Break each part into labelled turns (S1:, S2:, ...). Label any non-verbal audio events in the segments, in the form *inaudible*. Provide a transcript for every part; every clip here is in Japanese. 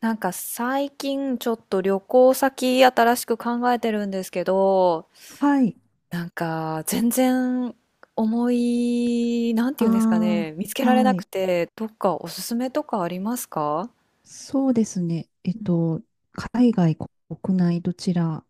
S1: なんか最近ちょっと旅行先新しく考えてるんですけど、
S2: はい。
S1: なんか全然思い、なんていうんですかね、
S2: あ
S1: 見つけ
S2: あ、
S1: られ
S2: は
S1: なく
S2: い。
S1: て、どっかおすすめとかありますか？
S2: そうですね。
S1: うん。
S2: 海外、国内、どちら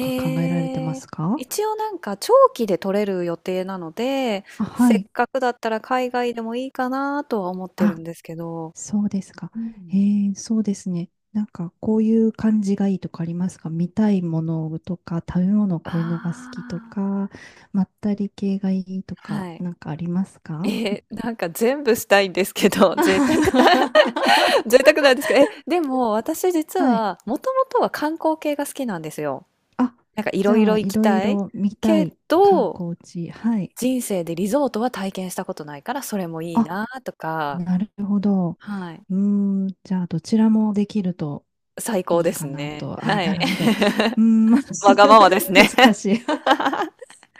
S2: が考えられてま
S1: ー、
S2: すか？
S1: 一応なんか長期で取れる予定なので、
S2: あ、は
S1: せっ
S2: い。
S1: かくだったら海外でもいいかなとは思ってるん
S2: あ、
S1: ですけど、
S2: そうですか。
S1: うん。
S2: そうですね。なんか、こういう感じがいいとかありますか？見たいものとか、食べ物、こ
S1: あ
S2: ういうのが好きとか、まったり系がいいと
S1: あ、
S2: か、
S1: はい。
S2: なんかありますか？
S1: えー、なんか全部したいんですけど、
S2: *laughs*
S1: 贅沢だ。
S2: は
S1: 贅沢なんですけど、え、でも私実
S2: い。
S1: は、もともとは観光系が好きなんですよ。
S2: あ、
S1: なんかい
S2: じ
S1: ろい
S2: ゃあ、
S1: ろ行
S2: い
S1: き
S2: ろい
S1: たい
S2: ろ見た
S1: け
S2: い観
S1: ど、
S2: 光地。はい。
S1: 人生でリゾートは体験したことないから、それもいい
S2: あ、
S1: なとか、
S2: なるほど。
S1: はい。
S2: うーん、じゃあ、どちらもできると
S1: 最高
S2: いい
S1: です
S2: かな
S1: ね。
S2: と。あ、
S1: は
S2: な
S1: い。
S2: るほど。うーん、まあ
S1: *laughs* わがままです
S2: *laughs*
S1: ね。
S2: 難しい。
S1: *laughs*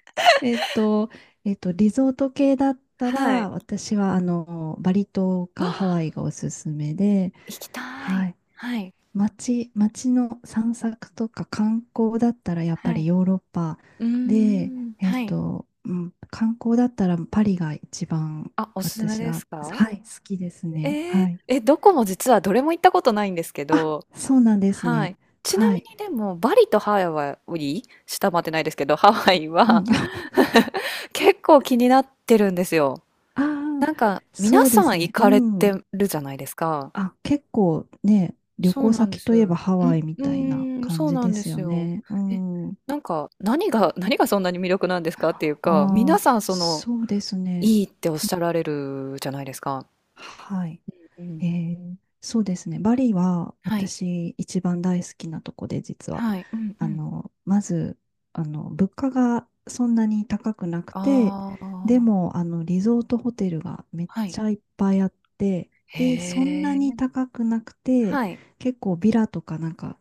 S2: *laughs* えっと、リゾート系だった
S1: はい。
S2: ら、私は、バリ島
S1: *gasps* あ、
S2: かハワイがおすすめで、
S1: 行きた
S2: は
S1: い。
S2: い。
S1: はい。
S2: 街の散策とか観光だったら、やっぱ
S1: は
S2: り
S1: い。
S2: ヨーロッパ
S1: うー
S2: で、
S1: ん。はい。
S2: うん、観光だったらパリが一番
S1: あ、おすすめ
S2: 私
S1: で
S2: は、
S1: すか？
S2: はい、好きですね。
S1: えー、
S2: はい。
S1: え、どこも実はどれも行ったことないんですけ
S2: あ、
S1: ど、
S2: そうなんです
S1: は
S2: ね。
S1: い。ちな
S2: は
S1: みに
S2: い。
S1: でも、バリとハワイ、下回ってないですけど、ハワイ
S2: うん。
S1: は
S2: *laughs*
S1: *laughs* 結構気になってるんですよ。
S2: ああ、
S1: なんか、
S2: そ
S1: 皆
S2: うで
S1: さん
S2: す
S1: 行
S2: ね。う
S1: かれて
S2: ん。
S1: るじゃないですか。
S2: あ、結構ね、旅
S1: そう
S2: 行
S1: なんで
S2: 先
S1: す。
S2: といえ
S1: う
S2: ばハワイ
S1: ん、
S2: み
S1: う
S2: たいな
S1: ーん、
S2: 感
S1: そう
S2: じ
S1: な
S2: で
S1: んで
S2: すよ
S1: すよ。
S2: ね。う
S1: え、
S2: ん。あ
S1: なんか、何が、何がそんなに魅力なんですかっていうか、皆
S2: あ、
S1: さん、その、
S2: そうですね。
S1: いいっておっしゃられるじゃないですか。
S2: はい。
S1: うん。
S2: そうですね。バリは
S1: はい。
S2: 私一番大好きなとこで実は、
S1: はい。うんうん。
S2: まず、物価がそんなに高くなくて、
S1: あ
S2: で
S1: あ、
S2: も、リゾートホテルがめっ
S1: はい。
S2: ちゃいっぱいあって、で、そんな
S1: へ
S2: に
S1: え。
S2: 高くなくて、
S1: はい。
S2: 結構ビラとかなんか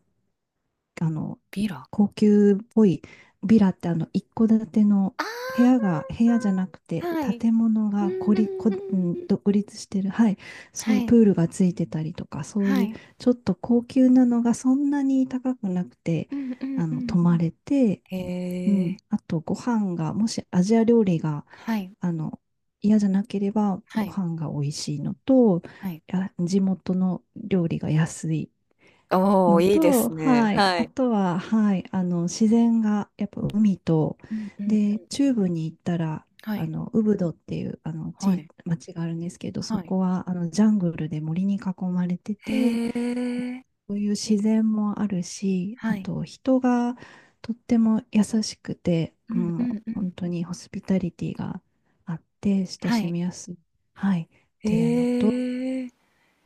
S2: あの、
S1: ビラ。
S2: 高級っぽいビラって一戸建ての
S1: あ
S2: 部屋じゃなく
S1: あ、
S2: て、
S1: はい。
S2: 建物
S1: う
S2: がこ
S1: んう
S2: り、
S1: ん
S2: こ、
S1: う
S2: う
S1: ん
S2: ん、
S1: うん。
S2: 独立してる、はい、そ
S1: は
S2: ういう
S1: い、
S2: プールがついてたりとか、そう
S1: は
S2: いう
S1: い。
S2: ちょっと高級なのがそんなに高くなくて、
S1: うんうんうん
S2: 泊
S1: う
S2: ま
S1: ん。
S2: れて、う
S1: へえ。
S2: ん、あとご飯が、もしアジア料理が、
S1: はい、
S2: あの、嫌じゃなければ
S1: は
S2: ご
S1: い、
S2: 飯が美味しいのと、
S1: はい。
S2: や地元の料理が安い
S1: おお、
S2: の
S1: いいで
S2: と、
S1: すね。
S2: はい、
S1: は
S2: あ
S1: い。
S2: とは、はい、あの自然がやっぱ海と、
S1: うん。うんうんう
S2: で、
S1: んう
S2: 中
S1: ん。
S2: 部に行ったら、
S1: は
S2: あ
S1: い、
S2: のウブドっていうあの
S1: は
S2: 地
S1: い、
S2: 町があるんですけど、そ
S1: はい。
S2: こはあのジャングルで森に囲まれてて、
S1: へえ。
S2: そういう自然もあるし、
S1: は
S2: あ
S1: い。
S2: と人がとっても優しくて、
S1: うんう
S2: もう
S1: んう
S2: 本
S1: ん。
S2: 当にホスピタリティがあって親
S1: は
S2: し
S1: い。
S2: みやすい、はい、っていうのと、
S1: へえ。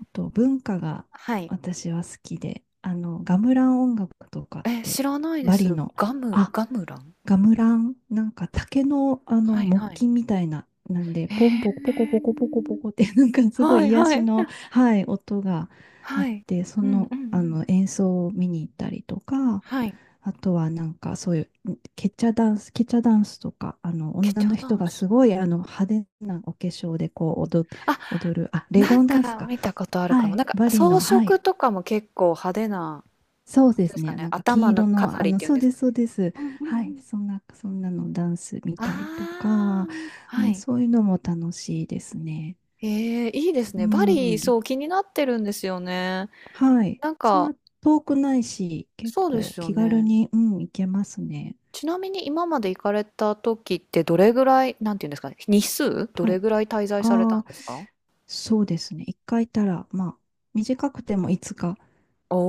S2: あと文化が
S1: はい。
S2: 私は好きで、ガムラン音楽とかっ
S1: え、知
S2: て、
S1: らないで
S2: バリ
S1: す。
S2: の、
S1: ガム
S2: あ、
S1: ガムラン？
S2: ガムラン、なんか竹の、
S1: はい
S2: 木
S1: はい。
S2: 琴みたいな、なんで、
S1: へ
S2: ポンポコポコポコ
S1: え。
S2: ポコポコって、*laughs* なんかすご
S1: は
S2: い
S1: い
S2: 癒
S1: は
S2: し
S1: い。
S2: の、
S1: あ、
S2: はい、音があ
S1: は
S2: っ
S1: い。
S2: て、そ
S1: うんうん
S2: の、
S1: うん。
S2: 演奏を見に行ったりとか、
S1: はい。
S2: あとはなんかそういうケチャダンスとか、
S1: ケ
S2: 女
S1: チャ
S2: の
S1: ダ
S2: 人
S1: ン
S2: が
S1: ス。
S2: すごい、派手なお化粧でこう
S1: あ、
S2: 踊る、あ、レ
S1: な
S2: ゴ
S1: ん
S2: ンダンス
S1: か
S2: か。
S1: 見たことあるか
S2: は
S1: も。
S2: い。
S1: なんか
S2: バリ
S1: 装
S2: の、は
S1: 飾
S2: い。
S1: とかも結構派手な
S2: そう
S1: 感
S2: で
S1: じで
S2: す
S1: すか
S2: ね。
S1: ね。
S2: なんか金
S1: 頭の
S2: 色の、
S1: 飾りっていうん
S2: そう
S1: です
S2: で
S1: か
S2: す、そう
S1: ね。
S2: です。
S1: うんうんう
S2: はい。
S1: ん。
S2: そんなのダンス見
S1: あ
S2: たりとか、
S1: あ、
S2: う
S1: は
S2: ん、
S1: い。
S2: そういうのも楽しいですね。
S1: ええ、いいです
S2: う
S1: ね。バリ、
S2: ん。
S1: そう、気になってるんですよね。
S2: はい。
S1: なん
S2: そん
S1: か、
S2: な遠くないし、結
S1: そうで
S2: 構
S1: すよ
S2: 気軽
S1: ね。
S2: に、うん、行けますね。
S1: ちなみに今まで行かれた時ってどれぐらい、なんていうんですかね、日数ど
S2: は
S1: れ
S2: い。
S1: ぐらい滞在された
S2: あ
S1: ん
S2: あ、
S1: ですか？
S2: そうですね。一回行ったら、まあ、短くてもいつか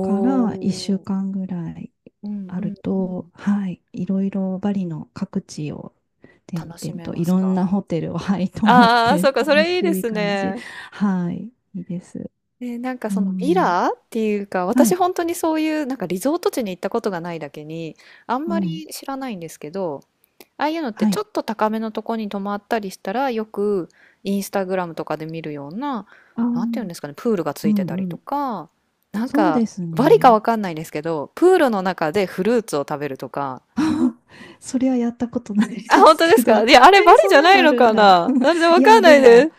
S2: から1週
S1: お、
S2: 間ぐらい
S1: うん
S2: あ
S1: う
S2: る
S1: んうん。
S2: と、はい、いろいろバリの各地を転
S1: 楽し
S2: 々
S1: め
S2: と
S1: ま
S2: い
S1: す
S2: ろん
S1: か？
S2: なホテルを、はい、泊まっ
S1: ああー、
S2: て
S1: そうか、そ
S2: 楽
S1: れいいで
S2: しい
S1: す
S2: 感じ。
S1: ね。
S2: はい、いいです。
S1: で、なんか
S2: う
S1: そのビ
S2: ん、
S1: ラっていうか、
S2: は
S1: 私
S2: い、
S1: 本当にそういうなんかリゾート地に行ったことがないだけに、あん
S2: う
S1: ま
S2: ん、
S1: り知らないんですけど、ああいうのって
S2: は
S1: ちょ
S2: い。
S1: っと高めのとこに泊まったりしたら、よくインスタグラムとかで見るような、
S2: ああ、う
S1: なんていうん
S2: ん
S1: ですかね、プールがつ
S2: う
S1: いてたりと
S2: ん。
S1: か、なん
S2: そう
S1: か
S2: です
S1: バリか
S2: ね。
S1: わかんないんですけど、プールの中でフルーツを食べるとか、
S2: *laughs* それはやったことない
S1: あ、
S2: で
S1: 本
S2: す
S1: 当で
S2: け
S1: すか？
S2: ど、
S1: いや、あれバ
S2: えー
S1: リ
S2: そ
S1: じ
S2: ん
S1: ゃ
S2: な
S1: な
S2: の
S1: い
S2: あ
S1: の
S2: るん
S1: か
S2: だ。
S1: な、なんで
S2: *laughs*
S1: わ
S2: い
S1: か
S2: や、
S1: んな
S2: で
S1: いで
S2: も、
S1: す。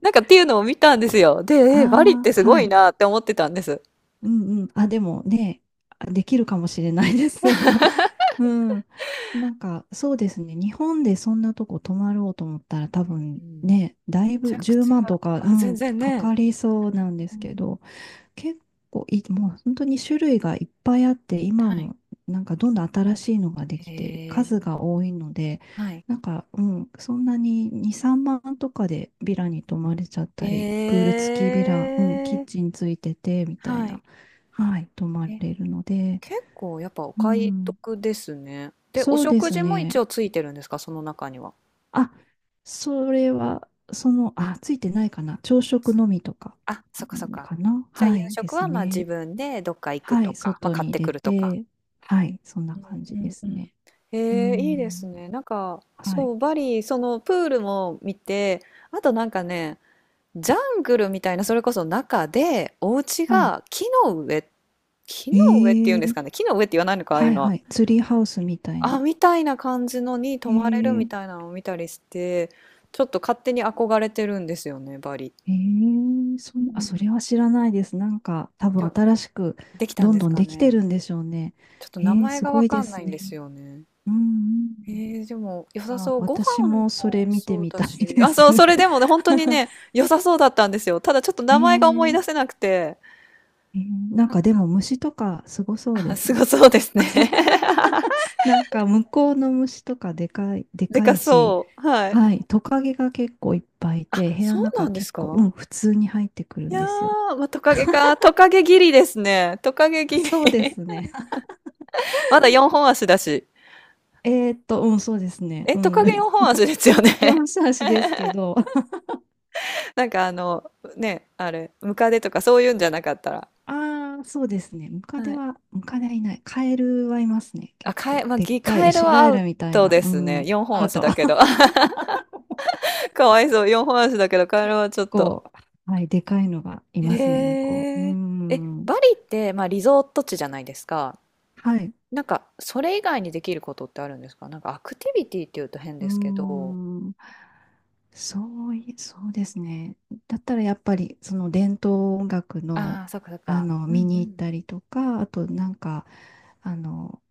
S1: なんかっていうのを見たんですよ。で、
S2: *laughs*
S1: えバリっ
S2: あ
S1: てす
S2: あ、は
S1: ごい
S2: い。
S1: なって思ってたんです。
S2: うんうん。あ、でもね、あできるかもしれないです。*laughs* うん。なんか、そうですね。日本でそんなとこ泊まろうと思ったら多
S1: う
S2: 分
S1: ん、
S2: ね、だい
S1: ち
S2: ぶ
S1: ゃく
S2: 10
S1: ち
S2: 万とか、
S1: ゃ
S2: う
S1: あ、全
S2: ん、
S1: 然
S2: か
S1: ね。
S2: かりそうなんで
S1: う
S2: すけ
S1: ん、
S2: ど、結構いい、もう本当に種類がいっぱいあって、今
S1: はい。
S2: もなんかどんどん新しいのがで
S1: へ
S2: きて、
S1: え。
S2: 数が多いので、
S1: はい。
S2: なんか、うん、そんなに2、3万とかでビラに泊まれちゃったり、プー
S1: え
S2: ル付きビラ、うん、キッ
S1: え、
S2: チンついてて、みたい
S1: は
S2: な、
S1: い。
S2: はい、泊ま
S1: え、
S2: れるので、
S1: 結構やっぱお
S2: う
S1: 買い
S2: ん、
S1: 得ですね。で、お
S2: そうで
S1: 食
S2: す
S1: 事も一
S2: ね。
S1: 応ついてるんですか？その中には。
S2: あ、それは、その、あ、ついてないかな。朝食のみとか、
S1: あ、そっか
S2: う
S1: そっ
S2: ん
S1: か。
S2: かな。
S1: じゃあ夕
S2: はい、で
S1: 食
S2: す
S1: は、ま、自
S2: ね。
S1: 分でどっか行く
S2: は
S1: と
S2: い、
S1: か、ま、
S2: 外
S1: 買っ
S2: に
S1: て
S2: 出
S1: くるとか。
S2: て、はい、そんな
S1: う
S2: 感じで
S1: んう
S2: す
S1: んうん。
S2: ね。
S1: え
S2: う
S1: え、いいです
S2: ん、
S1: ね。なんか、
S2: はい、
S1: そう、バリ、そのプールも見て、あとなんかねジャングルみたいな、それこそ中で、お家
S2: はい。
S1: が木の上、木の上ってい
S2: え
S1: うんです
S2: え、
S1: かね、木の上って言わないのか、ああい
S2: は
S1: う
S2: い、
S1: のは。
S2: はい、ツリーハウスみたい
S1: あ、
S2: な。
S1: みたいな感じのに泊まれるみ
S2: ええ
S1: たいなのを見たりして、ちょっと勝手に憧れてるんですよね、バリ。
S2: ええ
S1: う
S2: あ、そ
S1: ん。
S2: れは知らないです。なんか、多
S1: で
S2: 分
S1: も、
S2: 新しく
S1: できたん
S2: どん
S1: です
S2: どん
S1: か
S2: できて
S1: ね。
S2: るんでしょうね。
S1: ちょっと名
S2: ええ、
S1: 前
S2: す
S1: が
S2: ご
S1: わ
S2: い
S1: か
S2: で
S1: んな
S2: す
S1: いんで
S2: ね。
S1: すよね。
S2: うん、う
S1: えー、でも良
S2: ん。
S1: さ
S2: あ、
S1: そう。ご飯
S2: 私もそ
S1: も
S2: れ
S1: 美味し
S2: 見て
S1: そう
S2: み
S1: だ
S2: た
S1: し。
S2: いで
S1: あ、
S2: す。
S1: そう、それ
S2: *laughs*
S1: でもね、本当にね、良さそうだったんですよ。ただちょっと名前が思い出
S2: え
S1: せ
S2: え
S1: なくて。
S2: ええ、なんかでも虫とかすごそうで
S1: あ、
S2: す
S1: すご
S2: ね。
S1: そうですね。*laughs*
S2: なんか向こうの虫とかでかい、で
S1: で
S2: か
S1: か
S2: いし、
S1: そう。はい。
S2: はい、トカゲが結構いっぱいいて、
S1: あ、
S2: 部屋の
S1: そう
S2: 中
S1: なんで
S2: 結
S1: す
S2: 構、う
S1: か？
S2: ん、普通に入ってくる
S1: い
S2: ん
S1: や
S2: ですよ。
S1: ー、まあ、トカゲか。トカゲギリですね。トカゲ
S2: *laughs*
S1: ギリ。
S2: そうです
S1: *laughs*
S2: ね。
S1: まだ4本足だし。
S2: *laughs* うん、そうですね。
S1: え、
S2: う
S1: ト
S2: ん。
S1: カゲ
S2: *laughs*
S1: 4本足ですよね。
S2: 四足ですけ
S1: *laughs*
S2: ど、
S1: なんかあの、ね、あれ、ムカデとかそういうんじゃなかったら。
S2: *laughs* ああ、そうですね。
S1: はい。
S2: ムカデはいない。カエルはいますね、
S1: あ、
S2: 結
S1: カエ、
S2: 構。
S1: まあ、
S2: でっ
S1: ギ
S2: かい
S1: カ
S2: ウ
S1: エル
S2: シ
S1: は
S2: ガ
S1: ア
S2: エ
S1: ウ
S2: ルみたい
S1: ト
S2: な、
S1: で
S2: う
S1: すね。
S2: ん、
S1: 4本
S2: アウ
S1: 足
S2: ト。
S1: だけど。*laughs* かわいそう。4本足だけど、
S2: *laughs*
S1: カエル
S2: 結
S1: はちょっ
S2: 構、
S1: と。
S2: はい、でかいのがいますね、向こう。う
S1: へえ。え、
S2: ん。
S1: バリって、まあ、リゾート地じゃないですか。
S2: はい。
S1: なんか、それ以外にできることってあるんですか？なんか、アクティビティっていうと変
S2: う
S1: ですけ
S2: ー
S1: ど。
S2: ん。そうい、そうですね。だったらやっぱりその伝統音楽の、
S1: ああ、そっかそっ
S2: あ
S1: か。
S2: の
S1: う
S2: 見
S1: んう
S2: に行っ
S1: ん。
S2: たりとか、あとなんかあの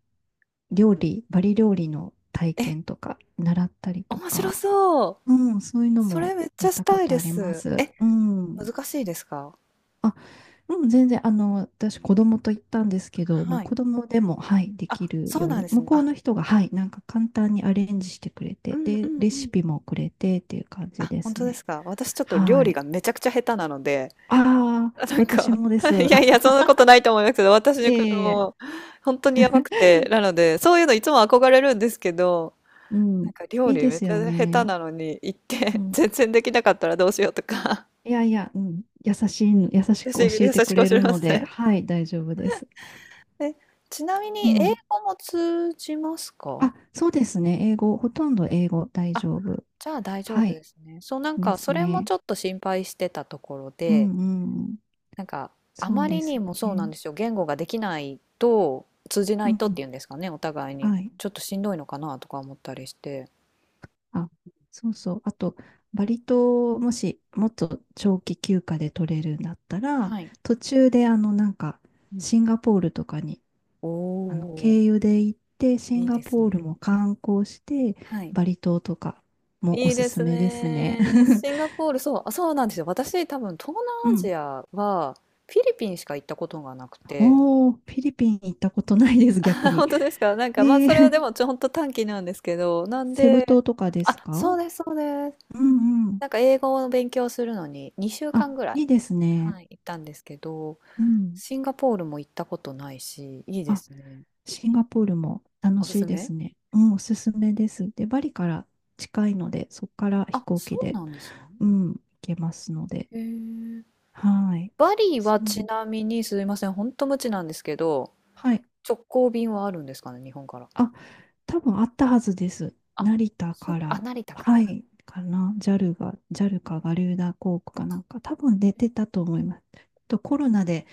S2: 料理、バリ料理の体
S1: え、
S2: 験とか習ったりと
S1: 面白
S2: か、
S1: そう。
S2: うん、そういうの
S1: そ
S2: も
S1: れめっち
S2: や
S1: ゃ
S2: っ
S1: し
S2: たこ
S1: たい
S2: と
S1: で
S2: ありま
S1: す。
S2: す。
S1: え、
S2: うん。
S1: 難しいですか？
S2: あ、うん、全然、私、子供と行ったんですけど、もう
S1: はい。
S2: 子供でも、はい、でき
S1: あ、
S2: る
S1: そう
S2: よう
S1: なん
S2: に、
S1: です
S2: 向
S1: ね。
S2: こう
S1: あ、
S2: の人が、はい、なんか簡単にアレンジしてくれ
S1: う
S2: て、
S1: んう
S2: で、
S1: ん
S2: レ
S1: う
S2: シ
S1: ん。
S2: ピもくれてっていう感じ
S1: あ、
S2: で
S1: 本
S2: す
S1: 当で
S2: ね。
S1: すか？私ちょっと料
S2: は
S1: 理
S2: い。
S1: がめちゃくちゃ下手なので、
S2: あ
S1: あ、
S2: あ、
S1: なん
S2: 私
S1: か、
S2: もで
S1: *laughs*
S2: す。*laughs*
S1: いやいや、そんなことないと思いますけど、私
S2: い
S1: の子
S2: えいえ
S1: 供、本当にやば
S2: い
S1: くて、な
S2: え。
S1: ので、そういうのいつも憧れるんですけど、
S2: う
S1: な
S2: ん、
S1: んか料
S2: いい
S1: 理
S2: で
S1: めっ
S2: す
S1: ち
S2: よ
S1: ゃ下手
S2: ね。
S1: なのに行っ
S2: う
S1: て *laughs*
S2: ん、
S1: 全然できなかったらどうしようとか。
S2: いやいや、うん、優
S1: *laughs*
S2: しく
S1: 私
S2: 教え
S1: 優
S2: て
S1: し
S2: く
S1: く
S2: れ
S1: 教え
S2: る
S1: ま
S2: の
S1: す
S2: で、
S1: ね。
S2: はい、大丈夫です。
S1: え、ちなみ
S2: う
S1: に英
S2: ん。
S1: 語も通じますか？
S2: あ、そうですね。英語、ほとんど英語大
S1: あ、
S2: 丈夫。
S1: じゃあ大丈
S2: は
S1: 夫で
S2: い、
S1: すね。そうなん
S2: で
S1: かそ
S2: す
S1: れも
S2: ね。
S1: ちょっと心配してたところ
S2: う
S1: で、
S2: んうん。
S1: なんかあ
S2: そう
S1: ま
S2: で
S1: り
S2: す
S1: にもそうなん
S2: ね。
S1: ですよ。言語ができないと通じな
S2: う
S1: いとっ
S2: ん。
S1: ていうんですかね、お互いに。
S2: はい。
S1: ちょっとしんどいのかなとか思ったりして。うん。
S2: あ、そうそう。あと、バリ島をもし、もっと長期休暇で取れるんだったら、
S1: はい。
S2: 途中で、なんか、
S1: うん、
S2: シンガポールとかに、
S1: おお、
S2: 経由で行って、シン
S1: いい
S2: ガ
S1: です
S2: ポール
S1: ね。
S2: も観光して、
S1: はい。
S2: バリ島とかもお
S1: いい
S2: す
S1: で
S2: す
S1: す
S2: めですね。
S1: ね。
S2: *laughs*
S1: シンガポール、そう、あ、そうなんですよ。私、多分、東南
S2: う
S1: ア
S2: ん。
S1: ジアは、フィリピンしか行ったことがなくて。
S2: おー、フィリピン行ったことないです、逆
S1: *laughs*
S2: に。
S1: 本当ですか？なん
S2: え
S1: か、まあ、
S2: ー、
S1: それはでも、ちょ、ほんと短期なんですけど、なん
S2: セブ
S1: で、
S2: 島とかで
S1: あ、
S2: すか？
S1: そうです、そうです。
S2: うんうん。
S1: なんか、英語の勉強するのに、2週
S2: あ、
S1: 間ぐらい、
S2: いいですね。
S1: はい、行ったんですけど、
S2: うん。
S1: シンガポールも行ったことないし、いいで
S2: あ、
S1: すね。
S2: シンガポールも楽
S1: おす
S2: し
S1: す
S2: いで
S1: め。
S2: すね。うん、おすすめです。で、バリから近いので、そこから飛
S1: あ、
S2: 行
S1: そ
S2: 機
S1: う
S2: で、
S1: なんですね。
S2: うん、行けますので。
S1: へえ。
S2: はい。
S1: バリ
S2: シ
S1: はち
S2: ン
S1: なみに、すいません、本当無知なんですけど、
S2: はい。
S1: 直行便はあるんですかね、日本から。
S2: あ、多分あったはずです。
S1: あ、
S2: 成田
S1: そっ
S2: か
S1: か、あ、
S2: ら、
S1: 成田から
S2: は
S1: か。
S2: い、かな。ジャルかガリューダ航空かなんか、多分出てたと思います。とコロナで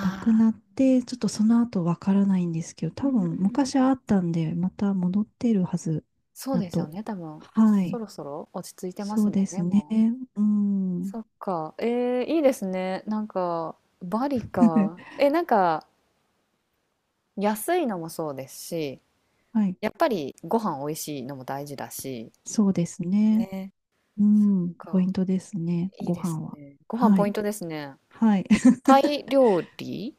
S2: なくなっ
S1: あ、
S2: て、ちょっとその後わからないんですけど、
S1: うん
S2: 多
S1: う
S2: 分
S1: んう
S2: 昔あ
S1: ん。
S2: ったんで、また戻ってるはず
S1: そう
S2: だ
S1: ですよ
S2: と。
S1: ね、多分。
S2: は
S1: そ
S2: い。
S1: ろそろ落ち着いてま
S2: そ
S1: す
S2: う
S1: も
S2: で
S1: んね、
S2: すね。
S1: もう。
S2: うん。
S1: そっか。えー、いいですね。なんか、バリか。
S2: *laughs*
S1: え、なんか、安いのもそうですし、
S2: はい。
S1: やっぱりご飯美味しいのも大事だし。
S2: そうですね。
S1: ね。
S2: う
S1: そっ
S2: ん。ポイ
S1: か。
S2: ントですね。
S1: いい
S2: ご
S1: です
S2: 飯は。
S1: ね。ご飯
S2: は
S1: ポイン
S2: い。
S1: トですね。
S2: はい。*laughs*
S1: タイ料理。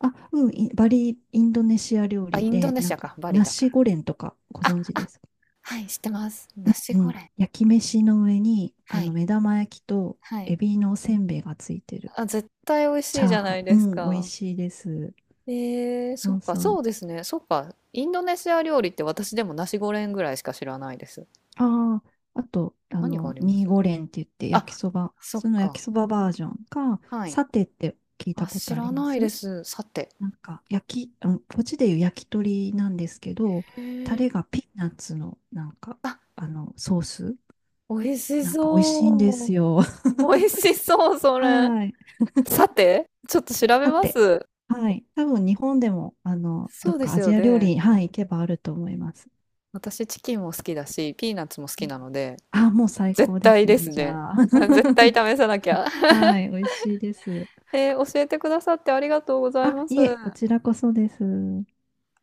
S2: あ、うん。バリ、インドネシア料
S1: あ、
S2: 理
S1: インド
S2: で、
S1: ネ
S2: な
S1: シ
S2: ん
S1: ア
S2: か、
S1: か。バリ
S2: ナ
S1: だか
S2: シ
S1: ら。
S2: ゴレンとかご
S1: あ、
S2: 存知で
S1: あ、
S2: すか？
S1: はい、知ってます。ナシ
S2: う
S1: ゴ
S2: ん。
S1: レン。
S2: 焼き飯の上に、
S1: はい。
S2: 目玉焼きと
S1: はい。
S2: エビのおせんべいがついてる。
S1: あ、絶対美味
S2: チ
S1: しい
S2: ャ
S1: じ
S2: ー
S1: ゃ
S2: ハ
S1: な
S2: ン。
S1: い
S2: う
S1: です
S2: ん。美味
S1: か。
S2: しいです。
S1: えー、そ
S2: そ
S1: っ
S2: う
S1: か、
S2: そ
S1: そうで
S2: う。
S1: すね。そっか、インドネシア料理って私でもナシゴレンぐらいしか知らないです。
S2: ああ、あと、
S1: 何がありま
S2: ミー
S1: す？
S2: ゴレンって言って焼き
S1: あ、
S2: そば、
S1: そっ
S2: その焼き
S1: か。
S2: そばバージョンか、
S1: はい。
S2: サテって聞いた
S1: あ、
S2: こと
S1: 知
S2: あり
S1: ら
S2: ま
S1: ないで
S2: す
S1: す。さて。
S2: なんか、あのこっちでいう焼き鳥なんですけど、タ
S1: へえ。
S2: レがピーナッツの、なんか、
S1: あ、
S2: ソース
S1: 美味し
S2: なんか美味しいんで
S1: そ
S2: す
S1: う。
S2: よ。
S1: 美味
S2: *laughs*
S1: しそう、それ。
S2: はい。
S1: さて、ちょっと調べ
S2: サ
S1: ま
S2: テ。
S1: す。
S2: はい。多分日本でも、ど
S1: そ
S2: っ
S1: うで
S2: か
S1: す
S2: ア
S1: よ
S2: ジア料理
S1: ね。
S2: に、はい、行けばあると思います。
S1: 私、チキンも好きだし、ピーナッツも好きなので、
S2: あ、もう最
S1: 絶
S2: 高で
S1: 対
S2: す
S1: で
S2: ね、
S1: す
S2: じ
S1: ね。
S2: ゃあ。
S1: *laughs* あ、絶対試さなきゃ。
S2: *laughs* はい、美味しいです。
S1: えー教えてくださってありがとうござい
S2: あ、
S1: ます。
S2: いえ、こちらこそです。